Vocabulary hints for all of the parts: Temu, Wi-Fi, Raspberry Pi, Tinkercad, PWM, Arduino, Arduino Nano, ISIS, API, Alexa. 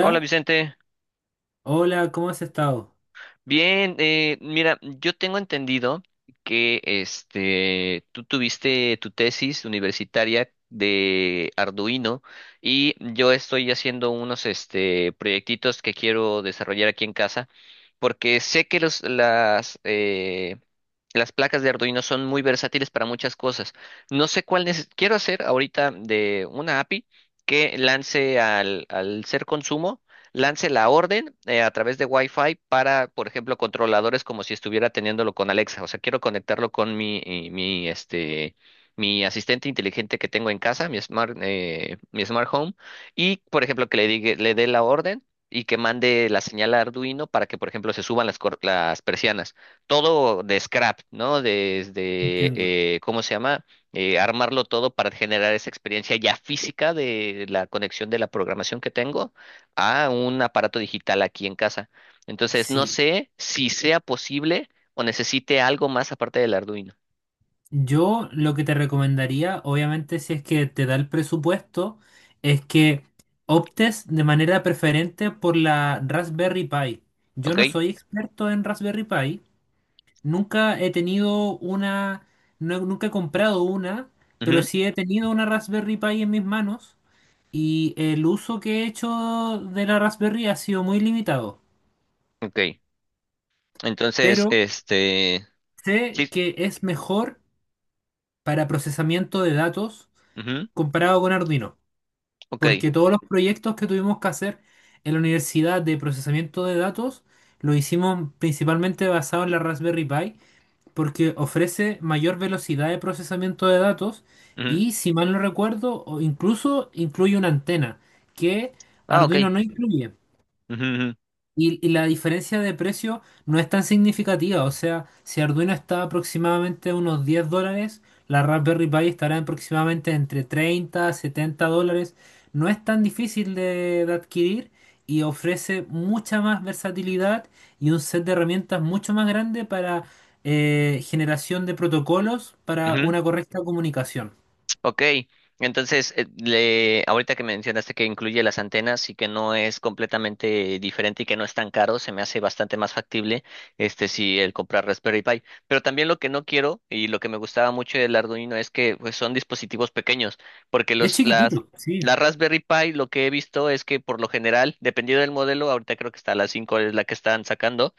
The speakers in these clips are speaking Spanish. Hola Vicente, hola, ¿cómo has estado? bien, mira, yo tengo entendido que tú tuviste tu tesis universitaria de Arduino y yo estoy haciendo unos proyectitos que quiero desarrollar aquí en casa porque sé que las placas de Arduino son muy versátiles para muchas cosas. No sé cuál quiero hacer ahorita de una API que lance al ser consumo lance la orden a través de Wi-Fi para, por ejemplo, controladores como si estuviera teniéndolo con Alexa. O sea, quiero conectarlo con mi asistente inteligente que tengo en casa, mi smart home, y, por ejemplo, que le diga, le dé la orden. Y que mande la señal a Arduino para que, por ejemplo, se suban las persianas. Todo de scrap, ¿no? Desde, Entiendo. ¿Cómo se llama? Armarlo todo para generar esa experiencia ya física de la conexión de la programación que tengo a un aparato digital aquí en casa. Entonces, no Sí, sé si sea posible o necesite algo más aparte del Arduino. yo lo que te recomendaría, obviamente, si es que te da el presupuesto, es que optes de manera preferente por la Raspberry Pi. Yo Ok. no soy experto en Raspberry Pi, nunca he tenido una, nunca he comprado una, pero Ujú. sí he tenido una Raspberry Pi en mis manos y el uso que he hecho de la Raspberry ha sido muy limitado, Ok. Entonces, pero sé sí. que es mejor para procesamiento de datos Ujú, comparado con Arduino, ok. porque todos los proyectos que tuvimos que hacer en la universidad de procesamiento de datos lo hicimos principalmente basado en la Raspberry Pi, porque ofrece mayor velocidad de procesamiento de datos Ujú. y, si mal no recuerdo, o incluso incluye una antena que Ah, Arduino ok. no incluye. Ujú, ujú, Y la diferencia de precio no es tan significativa, o sea, si Arduino está aproximadamente a unos $10, la Raspberry Pi estará en aproximadamente entre $30 a $70. No es tan difícil de adquirir y ofrece mucha más versatilidad y un set de herramientas mucho más grande para generación de protocolos para ujú. una correcta comunicación. Ok, entonces, ahorita que mencionaste que incluye las antenas y que no es completamente diferente y que no es tan caro, se me hace bastante más factible si el comprar Raspberry Pi. Pero también lo que no quiero y lo que me gustaba mucho del Arduino es que pues, son dispositivos pequeños, porque Es chiquitito, sí. la Raspberry Pi lo que he visto es que por lo general, dependiendo del modelo, ahorita creo que está la 5 es la que están sacando,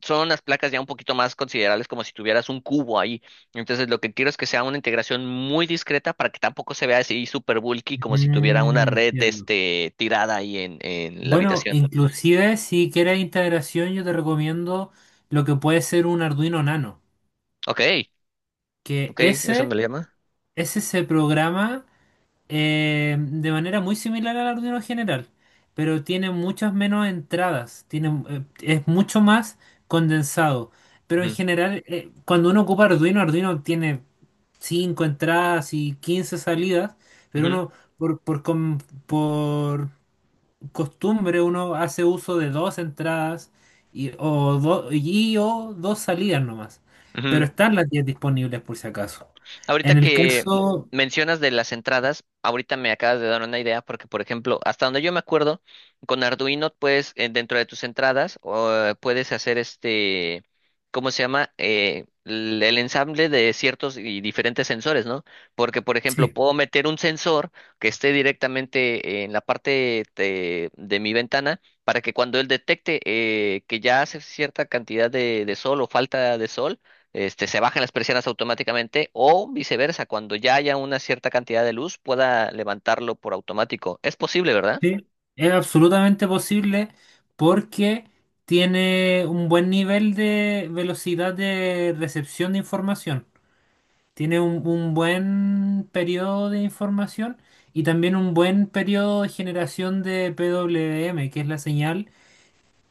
son las placas ya un poquito más considerables, como si tuvieras un cubo ahí. Entonces, lo que quiero es que sea una integración muy discreta para que tampoco se vea así super bulky, como si tuviera una Mm, red entiendo. Tirada ahí en la Bueno, habitación. inclusive si quieres integración, yo te recomiendo lo que puede ser un Arduino Nano, Ok, que ok, eso ese, me le llama. ese se programa de manera muy similar al Arduino general, pero tiene muchas menos entradas, es mucho más condensado. Pero en Ujú, general, cuando uno ocupa Arduino tiene 5 entradas y 15 salidas, pero ujú, uno por, por, com- por costumbre uno hace uso de dos entradas y o dos salidas nomás. Pero ujú. están las 10 disponibles por si acaso. Ahorita En el que caso, mencionas de las entradas, ahorita me acabas de dar una idea porque, por ejemplo, hasta donde yo me acuerdo, con Arduino dentro de tus entradas, puedes hacer este, ¿cómo se llama? L- el ensamble de ciertos y diferentes sensores, ¿no? Porque, por ejemplo, sí, puedo meter un sensor que esté directamente en la parte de mi ventana para que cuando él detecte que ya hace cierta cantidad de sol o falta de sol, se bajen las persianas automáticamente o viceversa, cuando ya haya una cierta cantidad de luz pueda levantarlo por automático. Es posible, ¿verdad? sí, es absolutamente posible porque tiene un buen nivel de velocidad de recepción de información. Tiene un buen periodo de información y también un buen periodo de generación de PWM, que es la señal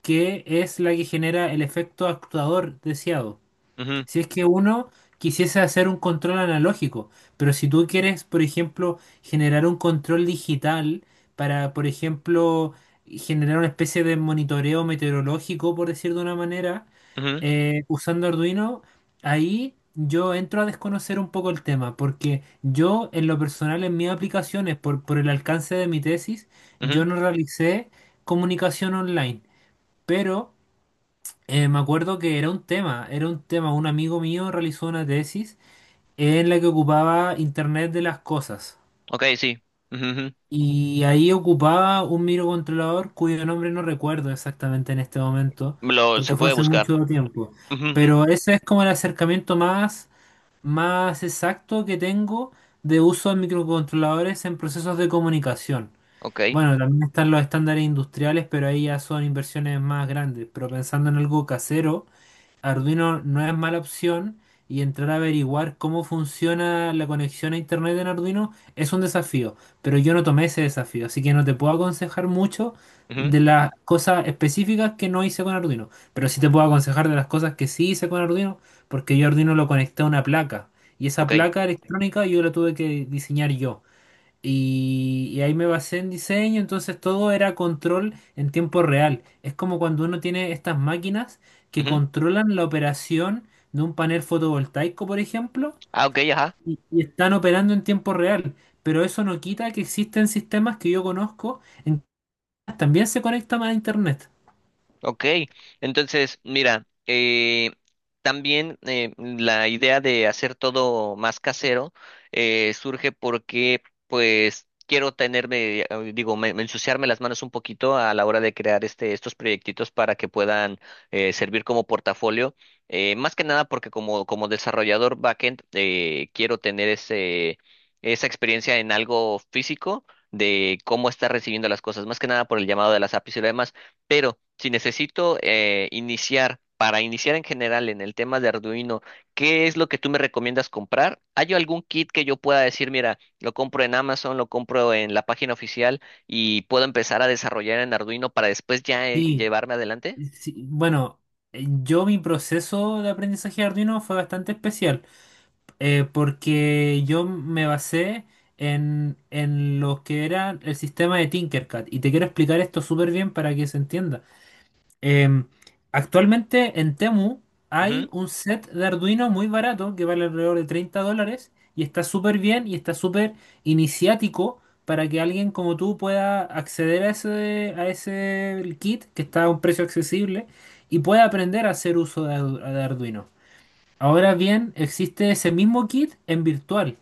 que es la que genera el efecto actuador deseado. Ujú, Si es que uno quisiese hacer un control analógico, pero si tú quieres, por ejemplo, generar un control digital para, por ejemplo, generar una especie de monitoreo meteorológico, por decir de una manera, ujú, usando Arduino, ahí yo entro a desconocer un poco el tema, porque yo en lo personal, en mis aplicaciones, por el alcance de mi tesis, ujú. yo no realicé comunicación online, pero me acuerdo que era un tema, era un tema. Un amigo mío realizó una tesis en la que ocupaba Internet de las cosas. Ok, sí. Ujú, ujú. Y ahí ocupaba un microcontrolador cuyo nombre no recuerdo exactamente en este momento, Lo, se porque fue puede hace buscar. mucho tiempo. Ujú, ujú. Pero ese es como el acercamiento más exacto que tengo de uso de microcontroladores en procesos de comunicación. Ok. Bueno, también están los estándares industriales, pero ahí ya son inversiones más grandes. Pero pensando en algo casero. Arduino no es mala opción y entrar a averiguar cómo funciona la conexión a internet en Arduino es un desafío, pero yo no tomé ese desafío, así que no te puedo aconsejar mucho Ujú. de las cosas específicas que no hice con Arduino, pero sí te puedo aconsejar de las cosas que sí hice con Arduino, porque yo Arduino lo conecté a una placa y esa Ok. placa electrónica yo la tuve que diseñar yo. Y ahí me basé en diseño, entonces todo era control en tiempo real. Es como cuando uno tiene estas máquinas que Ujú. controlan la operación de un panel fotovoltaico, por ejemplo, Ah, ok, ajá. y están operando en tiempo real. Pero eso no quita que existen sistemas que yo conozco en que también se conectan a internet. Ok, entonces, mira, también la idea de hacer todo más casero surge porque, pues, quiero digo, me ensuciarme las manos un poquito a la hora de crear estos proyectitos para que puedan servir como portafolio. Más que nada porque como desarrollador backend quiero tener esa experiencia en algo físico de cómo está recibiendo las cosas, más que nada por el llamado de las APIs y lo demás. Pero si necesito para iniciar en general en el tema de Arduino, ¿qué es lo que tú me recomiendas comprar? ¿Hay algún kit que yo pueda decir, mira, lo compro en Amazon, lo compro en la página oficial y puedo empezar a desarrollar en Arduino para después ya Sí, llevarme adelante? sí, bueno, yo mi proceso de aprendizaje de Arduino fue bastante especial. Porque yo me basé en lo que era el sistema de Tinkercad y te quiero explicar esto súper bien para que se entienda. Eh, actualmente en Temu Ujú. hay un set de Arduino muy barato que vale alrededor de $30 y está súper bien y está súper iniciático para que alguien como tú pueda acceder a ese kit que está a un precio accesible y pueda aprender a hacer uso de Arduino. Ahora bien, existe ese mismo kit en virtual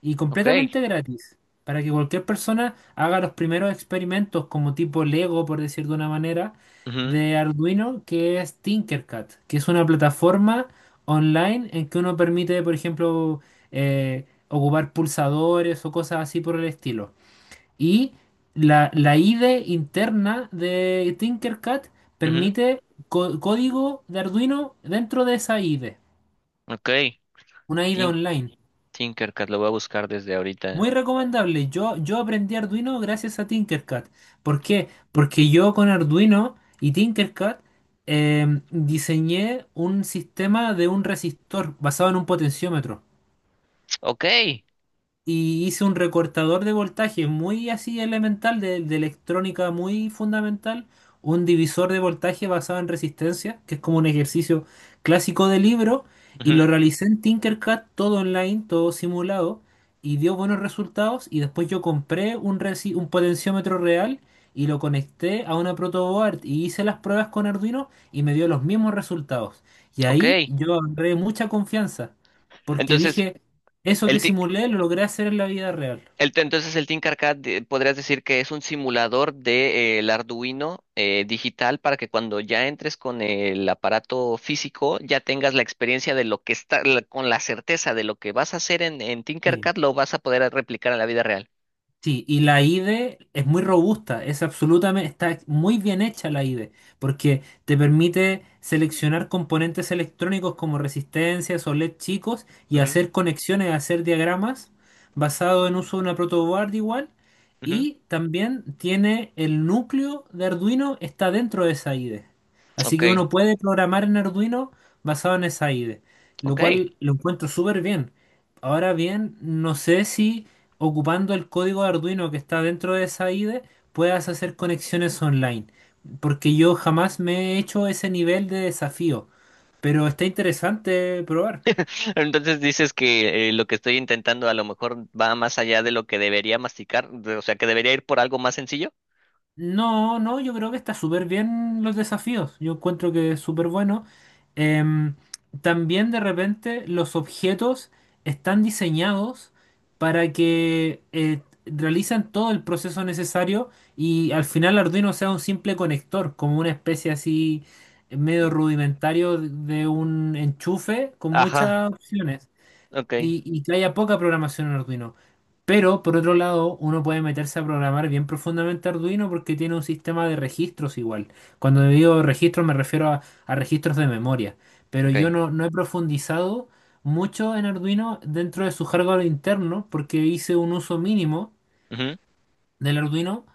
y Ok. completamente gratis para que cualquier persona haga los primeros experimentos como tipo Lego, por decir de una manera, Ujú, de Arduino, que es Tinkercad, que es una plataforma online en que uno permite, por ejemplo, ocupar pulsadores o cosas así por el estilo. Y la IDE interna de Tinkercad ujú. permite código de Arduino dentro de esa IDE. Ok. Una ida Tin- online. Tinkercad, lo voy a buscar desde ahorita. Muy recomendable. Yo aprendí Arduino gracias a Tinkercad. ¿Por qué? Porque yo con Arduino y Tinkercad diseñé un sistema de un resistor basado en un potenciómetro. Ok. Y hice un recortador de voltaje muy así elemental, de electrónica muy fundamental, un divisor de voltaje basado en resistencia, que es como un ejercicio clásico de libro, y lo Ujú. realicé en Tinkercad, todo online, todo simulado, y dio buenos resultados, y después yo compré un potenciómetro real. Y lo conecté a una protoboard y hice las pruebas con Arduino y me dio los mismos resultados. Y Ok. ahí yo agarré mucha confianza porque Entonces, dije, eso el, que ti- simulé lo logré hacer en la vida real. El te- entonces el Think Arcade podrías decir que es un simulador de, el Arduino digital para que cuando ya entres con el aparato físico ya tengas la experiencia de lo que con la certeza de lo que vas a hacer en Sí, Tinkercad lo vas a poder replicar en la vida real. sí, y la IDE es muy robusta, es absolutamente, está muy bien hecha la IDE, porque te permite seleccionar componentes electrónicos como resistencias o LED chicos y Ujú, hacer conexiones, hacer diagramas basado en uso de una protoboard igual. ujú. Y también tiene el núcleo de Arduino está dentro de esa IDE. Así Ok, que uno puede programar en Arduino basado en esa IDE, lo ok. cual lo encuentro súper bien. Ahora bien, no sé si ocupando el código de Arduino que está dentro de esa IDE puedas hacer conexiones online, porque yo jamás me he hecho ese nivel de desafío, pero está interesante probar. Entonces dices que lo que estoy intentando a lo mejor va más allá de lo que debería masticar, o sea, que debería ir por algo más sencillo. No, no, yo creo que está súper bien los desafíos. Yo encuentro que es súper bueno. Em, también de repente los objetos están diseñados para que realizan todo el proceso necesario y al final Arduino sea un simple conector, como una especie así medio Mm, rudimentario de un enchufe con ajá, muchas opciones ok, y que haya poca programación en Arduino. Pero por otro lado, uno puede meterse a programar bien profundamente Arduino porque tiene un sistema de registros igual. Cuando digo registros me refiero a registros de memoria. Pero yo ok, no, no he profundizado mucho en Arduino dentro de su hardware interno porque hice un uso mínimo ujú, del Arduino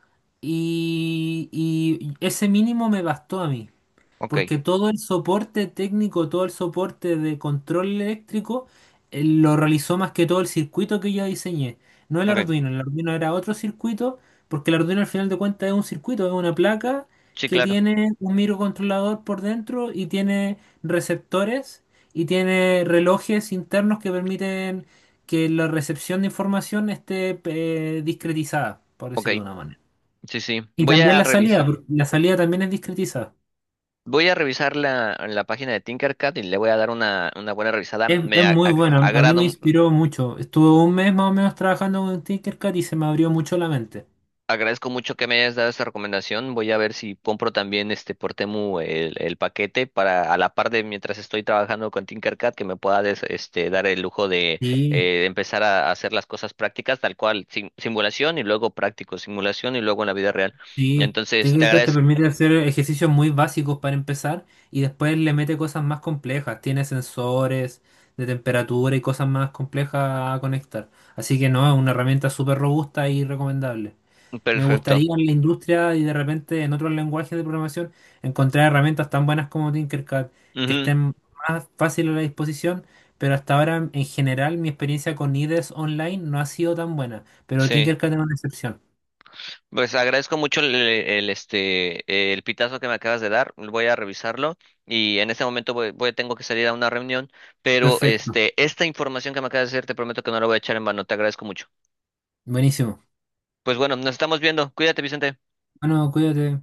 y ese mínimo me bastó a mí. ok, Porque todo el soporte técnico, todo el soporte de control eléctrico, lo realizó más que todo el circuito que yo diseñé. No el ok. Arduino, el Arduino era otro circuito, porque el Arduino al final de cuentas es un circuito, es una placa Sí, que claro, tiene un microcontrolador por dentro y tiene receptores y tiene relojes internos que permiten que la recepción de información esté discretizada, por ok. decirlo de una manera. Sí, sí. Y también la salida, porque la salida también es discretizada. Voy a revisar la, la página de Tinkercad y le voy a dar una buena revisada. Es Me a- muy ag- bueno, a mí me agrado, inspiró mucho. Estuve un mes más o menos trabajando con Tinkercad y se me abrió mucho la mente. agradezco mucho que me hayas dado esta recomendación. Voy a ver si compro también por Temu el paquete para a la par de mientras estoy trabajando con Tinkercad que me pueda dar el lujo de Sí, empezar a hacer las cosas prácticas tal cual, simulación y luego práctico, simulación y luego en la vida real. sí. Entonces, te Tinkercad te agradezco. permite hacer ejercicios muy básicos para empezar y después le mete cosas más complejas. Tiene sensores de temperatura y cosas más complejas a conectar. Así que no, es una herramienta súper robusta y recomendable. Me Perfecto. gustaría en la industria y de repente en otros lenguajes de programación encontrar herramientas tan buenas como Tinkercad que Ujú, estén más fácil a la disposición, pero hasta ahora en general mi experiencia con IDEs online no ha sido tan buena, pero sí. Tinkercad es una excepción. Pues agradezco mucho el pitazo que me acabas de dar. Voy a revisarlo y en este momento tengo que salir a una reunión, pero Perfecto, esta información que me acabas de decir te prometo que no la voy a echar en vano. Te agradezco mucho. buenísimo. Pues bueno, nos estamos viendo. Cuídate, Vicente. Bueno, cuídate.